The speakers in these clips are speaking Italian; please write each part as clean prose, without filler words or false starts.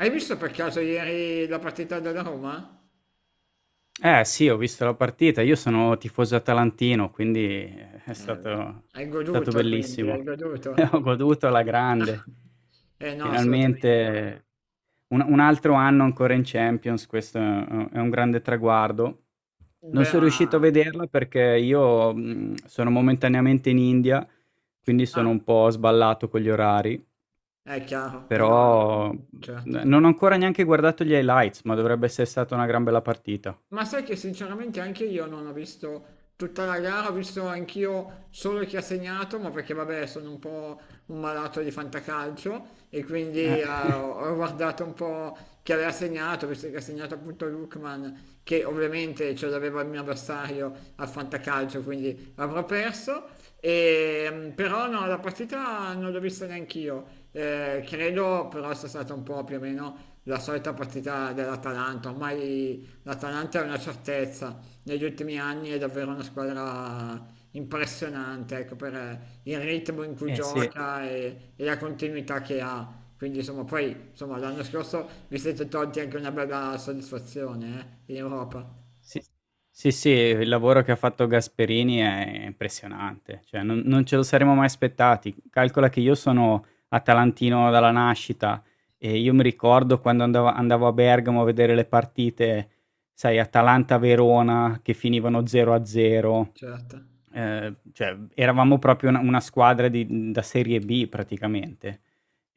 Hai visto per caso ieri la partita della Roma? Eh sì, ho visto la partita. Io sono tifoso atalantino, quindi è stato Beh. Hai è stato goduto quindi, hai bellissimo. goduto? Ho goduto alla grande. Eh no, assolutamente. Finalmente un altro anno ancora in Champions, questo è un grande traguardo. Non Beh, sono ma. riuscito a vederla perché io, sono momentaneamente in India, quindi Ah, sono un po' sballato con gli orari, è chiaro, eh no, no, però n certo. non ho ancora neanche guardato gli highlights, ma dovrebbe essere stata una gran bella partita. Ma sai che sinceramente anche io non ho visto tutta la gara, ho visto anch'io solo chi ha segnato, ma perché vabbè sono un po' un malato di fantacalcio e quindi Eh, ho guardato un po' chi aveva segnato, visto che ha segnato appunto Lukman, che ovviamente ce l'aveva il mio avversario al fantacalcio, quindi avrò perso. E, però no, la partita non l'ho vista neanch'io. Credo però sia stata un po' più o meno la solita partita dell'Atalanta ormai. L'Atalanta è una certezza, negli ultimi anni è davvero una squadra impressionante, ecco, per il ritmo in cui eh sì. gioca e, la continuità che ha. Quindi insomma, poi insomma, l'anno scorso vi siete tolti anche una bella soddisfazione, in Europa, Sì, sì, sì, il lavoro che ha fatto Gasperini è impressionante, cioè non ce lo saremmo mai aspettati. Calcola che io sono atalantino dalla nascita e io mi ricordo quando andavo a Bergamo a vedere le partite, sai, Atalanta-Verona che finivano 0-0, certo. Cioè eravamo proprio una squadra di da serie B praticamente.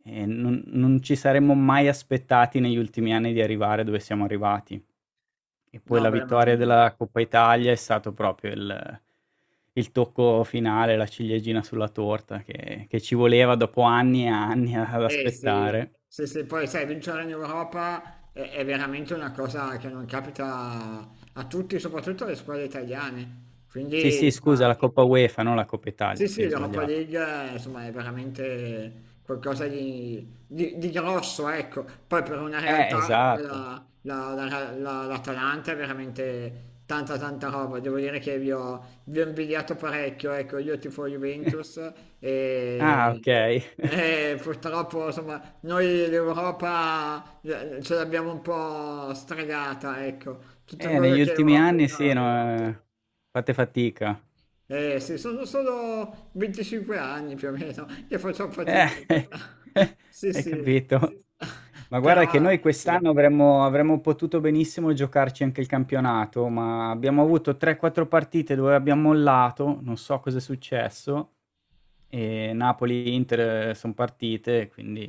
E non ci saremmo mai aspettati negli ultimi anni di arrivare dove siamo arrivati. E poi No, la beh, ma. vittoria della Coppa Italia è stato proprio il tocco finale, la ciliegina sulla torta che ci voleva dopo anni e anni ad Eh sì, aspettare. sì, sì, poi sai, vincere in Europa è veramente una cosa che non capita a tutti, soprattutto alle squadre italiane. Sì, Quindi, sì, scusa, insomma, la Coppa UEFA, non la Coppa sì, Italia, sì, sì, ho l'Europa sbagliato. League insomma è veramente qualcosa di grosso, ecco. Poi per una realtà come Esatto. l'Atalanta è veramente tanta tanta roba. Devo dire che vi ho invidiato parecchio, ecco, io tifo Juventus Ah, e, okay. e purtroppo insomma noi l'Europa ce l'abbiamo un po' stregata, ecco. Tutto quello Negli che è ultimi Europa. anni sì, no, ehm, fate fatica. Eh sì, sono solo 25 anni più o meno che faccio Eh, fatica. Sì, hai sì, capito. Ma guarda che però noi sì. quest'anno avremmo potuto benissimo giocarci anche il campionato, ma abbiamo avuto 3-4 partite dove abbiamo mollato, non so cosa è successo, e Napoli e Inter sono partite, quindi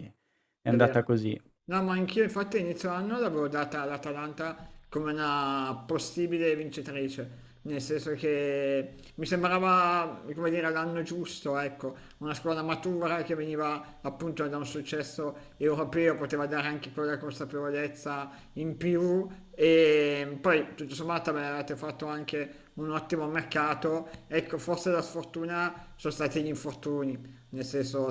è È andata vero. così. No, ma anch'io infatti inizio anno l'avevo data all'Atalanta come una possibile vincitrice, nel senso che mi sembrava, come dire, l'anno giusto, ecco, una squadra matura che veniva appunto da un successo europeo, poteva dare anche quella consapevolezza in più e poi tutto sommato avete fatto anche un ottimo mercato, ecco, forse la sfortuna sono stati gli infortuni, nel senso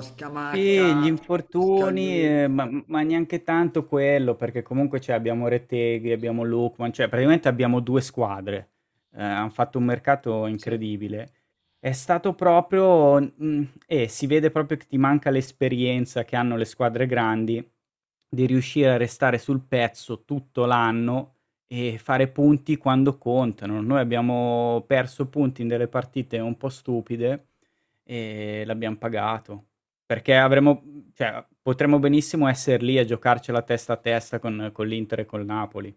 Sì, gli Scamacca, infortuni, Scalvini. ma neanche tanto quello, perché comunque cioè abbiamo Reteghi, abbiamo Lookman, cioè praticamente abbiamo due squadre. Hanno fatto un mercato Sì, incredibile. È stato proprio, e si vede proprio che ti manca l'esperienza che hanno le squadre grandi di riuscire a restare sul pezzo tutto l'anno e fare punti quando contano. Noi abbiamo perso punti in delle partite un po' stupide e l'abbiamo pagato. Perché avremmo cioè, potremmo benissimo essere lì a giocarcela testa a testa con l'Inter e col Napoli.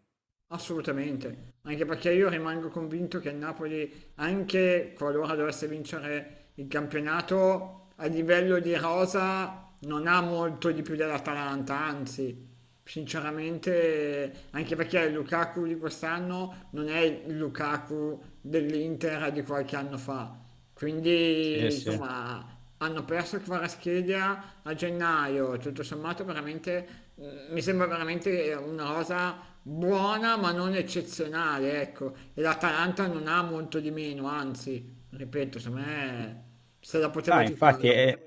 Eh, assolutamente. Anche perché io rimango convinto che il Napoli, anche qualora dovesse vincere il campionato, a livello di rosa non ha molto di più dell'Atalanta, anzi, sinceramente, anche perché il Lukaku di quest'anno non è il Lukaku dell'Inter di qualche anno fa. Sì, Quindi, sì. insomma, hanno perso Kvaratskhelia a gennaio, tutto sommato veramente, mi sembra veramente una cosa buona ma non eccezionale, ecco. E l'Atalanta non ha molto di meno, anzi, ripeto, secondo me se la poteva Ah, infatti giocare. è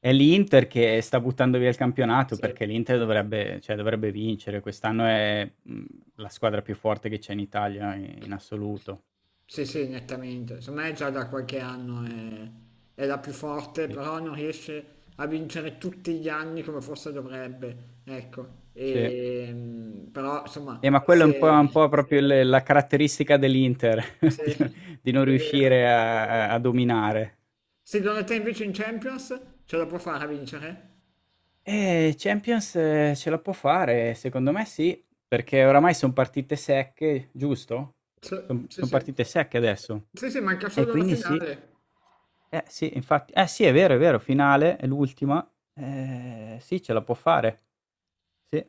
è l'Inter che sta buttando via il campionato, Sì. perché l'Inter dovrebbe cioè, dovrebbe vincere. Quest'anno è, la squadra più forte che c'è in Italia i in assoluto. Sì, sì, nettamente. Secondo me già da qualche anno Mh, è la più forte, sì. però non riesce a vincere tutti gli anni come forse dovrebbe. Ecco, Sì. e, però insomma, Ma quello è un po', proprio il la caratteristica dell'Inter, di no se- di non è vero. riuscire a dominare. Secondo te invece in Champions ce la può fare a vincere? Champions, ce la può fare, secondo me sì, perché oramai son partite secche, giusto? Sì, Son sì, son sì. partite secche adesso. Sì, sì, manca E solo la quindi sì. finale. Eh sì, infatti eh sì, è vero, finale, è l'ultima. Sì, ce la può fare. Sì.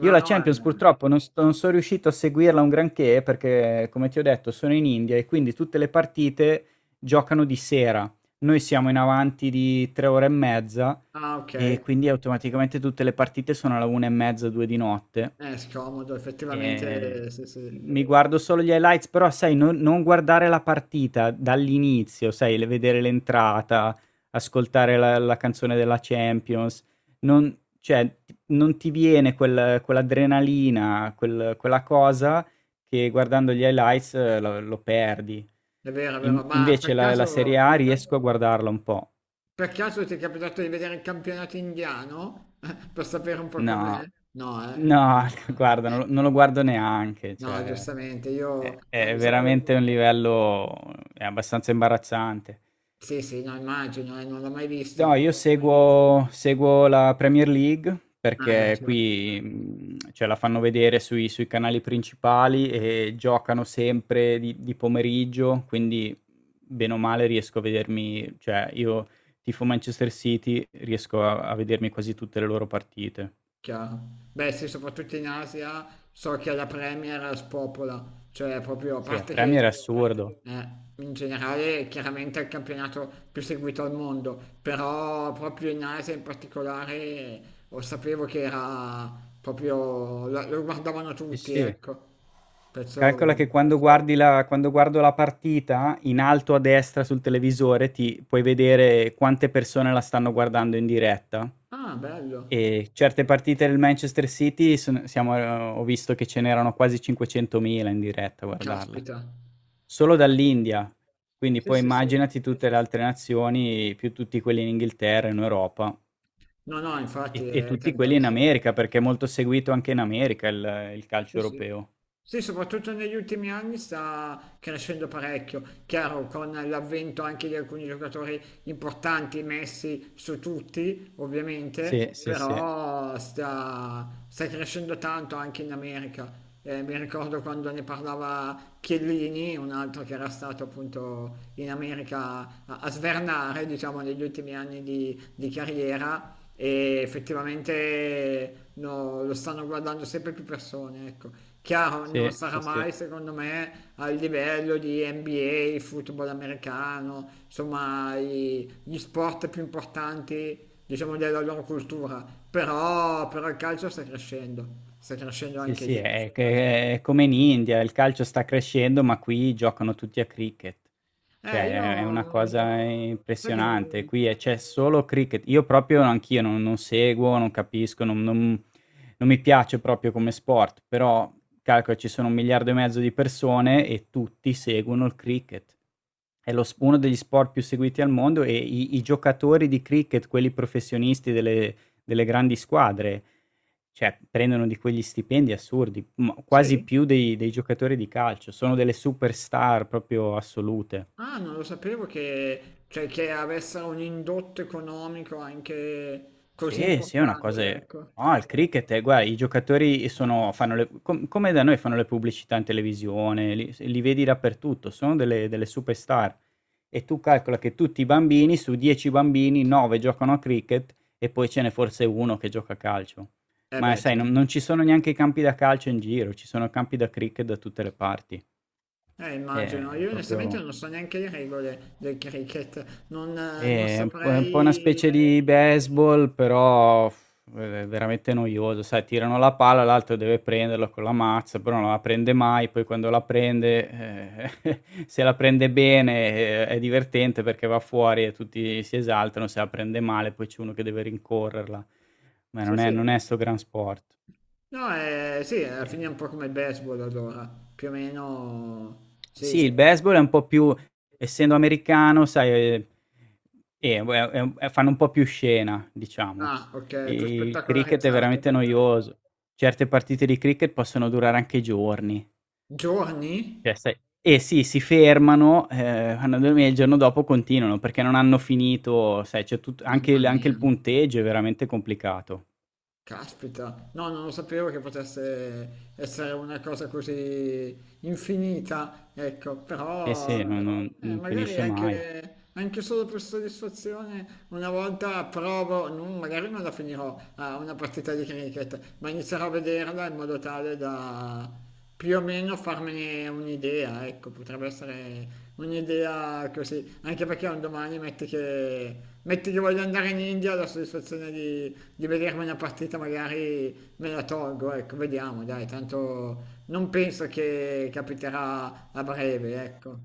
Io la no, Champions purtroppo non sono riuscito a seguirla un granché perché, come ti ho detto, sono in India e quindi tutte le partite giocano di sera. Noi siamo in avanti di 3 ore e mezza ah, ok. e quindi automaticamente tutte le partite sono alla una e mezza, due di notte. È scomodo, Ehm, effettivamente, sì, sì. Mi guardo solo gli highlights, però sai, non non guardare la partita dall'inizio, sai, le vedere l'entrata, ascoltare la canzone della Champions, non, cioè, non ti viene quell'adrenalina, quella cosa che, guardando gli highlights, lo perdi. È vero, è vero. In Ma per Invece la Serie caso. A riesco a guardarla un po'. Per caso ti è capitato di vedere il campionato indiano? Per sapere un po' com'è? No, No, eh? Mm. no, guarda, non lo guardo neanche, No, cioè giustamente, è io è sapevo. veramente un livello, è abbastanza imbarazzante. Sì, sì, no, immagino, non l'ho mai No, visto. io seguo la Premier League Ah, beh, perché certo. qui, cioè la fanno vedere sui canali principali e giocano sempre di pomeriggio, quindi bene o male riesco a vedermi, cioè, io tifo Manchester City, riesco a vedermi quasi tutte le loro partite. Chiaro. Beh, sì, soprattutto in Asia so che la Premier spopola, cioè proprio a Sì, a parte Premier è che assurdo. eh, in generale chiaramente è il campionato più seguito al mondo, però proprio in Asia in particolare lo sapevo che era proprio lo guardavano Sì, tutti, sì. ecco. Calcola Penso. che quando guardo la partita, in alto a destra sul televisore ti puoi vedere quante persone la stanno guardando in diretta. Ah, bello. E certe partite del Manchester City, son siamo ho visto che ce n'erano quasi 500.000 in diretta a guardarla. Caspita. Solo Ca- dall'India, quindi Sì, poi sì, sì. immaginati tutte le altre nazioni, più tutti quelli in Inghilterra, in Europa No, no, e infatti è tutti quelli in tantissimo. America, perché è molto seguito anche in America il calcio Sì, sì. europeo. Sì, soprattutto negli ultimi anni sta crescendo parecchio, chiaro con l'avvento anche di alcuni giocatori importanti messi su tutti, Sì, ovviamente, sì, sì. però sta crescendo tanto anche in America. Mi ricordo quando ne parlava Chiellini, un altro che era stato appunto in America a svernare, diciamo, negli ultimi anni di carriera, e effettivamente no, lo stanno guardando sempre più persone, ecco. Chiaro, non Sì, sarà sì, sì. mai, secondo me, al livello di NBA, football americano, insomma, gli sport più importanti, diciamo, della loro cultura, però il calcio sta crescendo Sì, anche sì, lì. è che è come in India, il calcio sta crescendo, ma qui giocano tutti a cricket. Cioè, è una Io. cosa Sai che impressionante. non. Qui c'è solo cricket. Io proprio anch'io non seguo, non capisco, non mi piace proprio come sport, però calcola, ci sono 1,5 miliardi di persone e tutti seguono il cricket. È lo uno degli sport più seguiti al mondo, e i giocatori di cricket, quelli professionisti delle grandi squadre, cioè, prendono di quegli stipendi assurdi, ma quasi Sì? più dei giocatori di calcio, sono delle superstar proprio assolute. Ah, non lo sapevo che, cioè, che avesse un indotto economico anche così Sì, sì, è una importante, cosa, ecco. no, il cricket, è guarda, i giocatori sono fanno, le com come da noi fanno le pubblicità in televisione, li vedi dappertutto, sono delle superstar. E tu calcola che tutti i bambini, su 10 bambini, 9 giocano a cricket e poi ce n'è forse 1 che gioca a calcio. Eh Ma beh, sai, sì. non ci sono neanche i campi da calcio in giro, ci sono campi da cricket da tutte le parti. Immagino. Io onestamente Proprio, non so neanche le regole del cricket, non è un po', una specie saprei. di baseball, però v veramente noioso, sai, tirano la palla, l'altro deve prenderla con la mazza, però non la prende mai, poi quando la prende, se la prende bene, è divertente perché va fuori e tutti si esaltano, se la prende male poi c'è uno che deve rincorrerla. Ma Sì, non è sì. non è 'sto gran sport, No, sì, alla ehm fine è un po' come il baseball allora, più o meno. Sì. Sì, il baseball è un po' più, essendo americano, sai, è fanno un po' più scena, diciamo. Ah, ok, più Il cricket è spettacolarizzato. veramente noioso. Certe partite di cricket possono durare anche giorni. Giorni? Cioè, sai, eh sì, si fermano, vanno a dormire e il giorno dopo continuano, perché non hanno finito, sai, c'è tut anche Mamma il anche il mia. punteggio è veramente complicato. Caspita, no, non lo sapevo che potesse essere una cosa così infinita, ecco. Sì, Sì, sì, però non non sì. Non Magari finisce mai. anche solo per soddisfazione una volta provo, magari non la finirò a una partita di cricket, ma inizierò a vederla in modo tale da più o meno farmene un'idea, ecco, potrebbe essere un'idea così, anche perché un domani metti che, voglio andare in India, la soddisfazione di vedermi una partita magari me la tolgo, ecco, vediamo, dai, tanto non penso che capiterà a breve, ecco.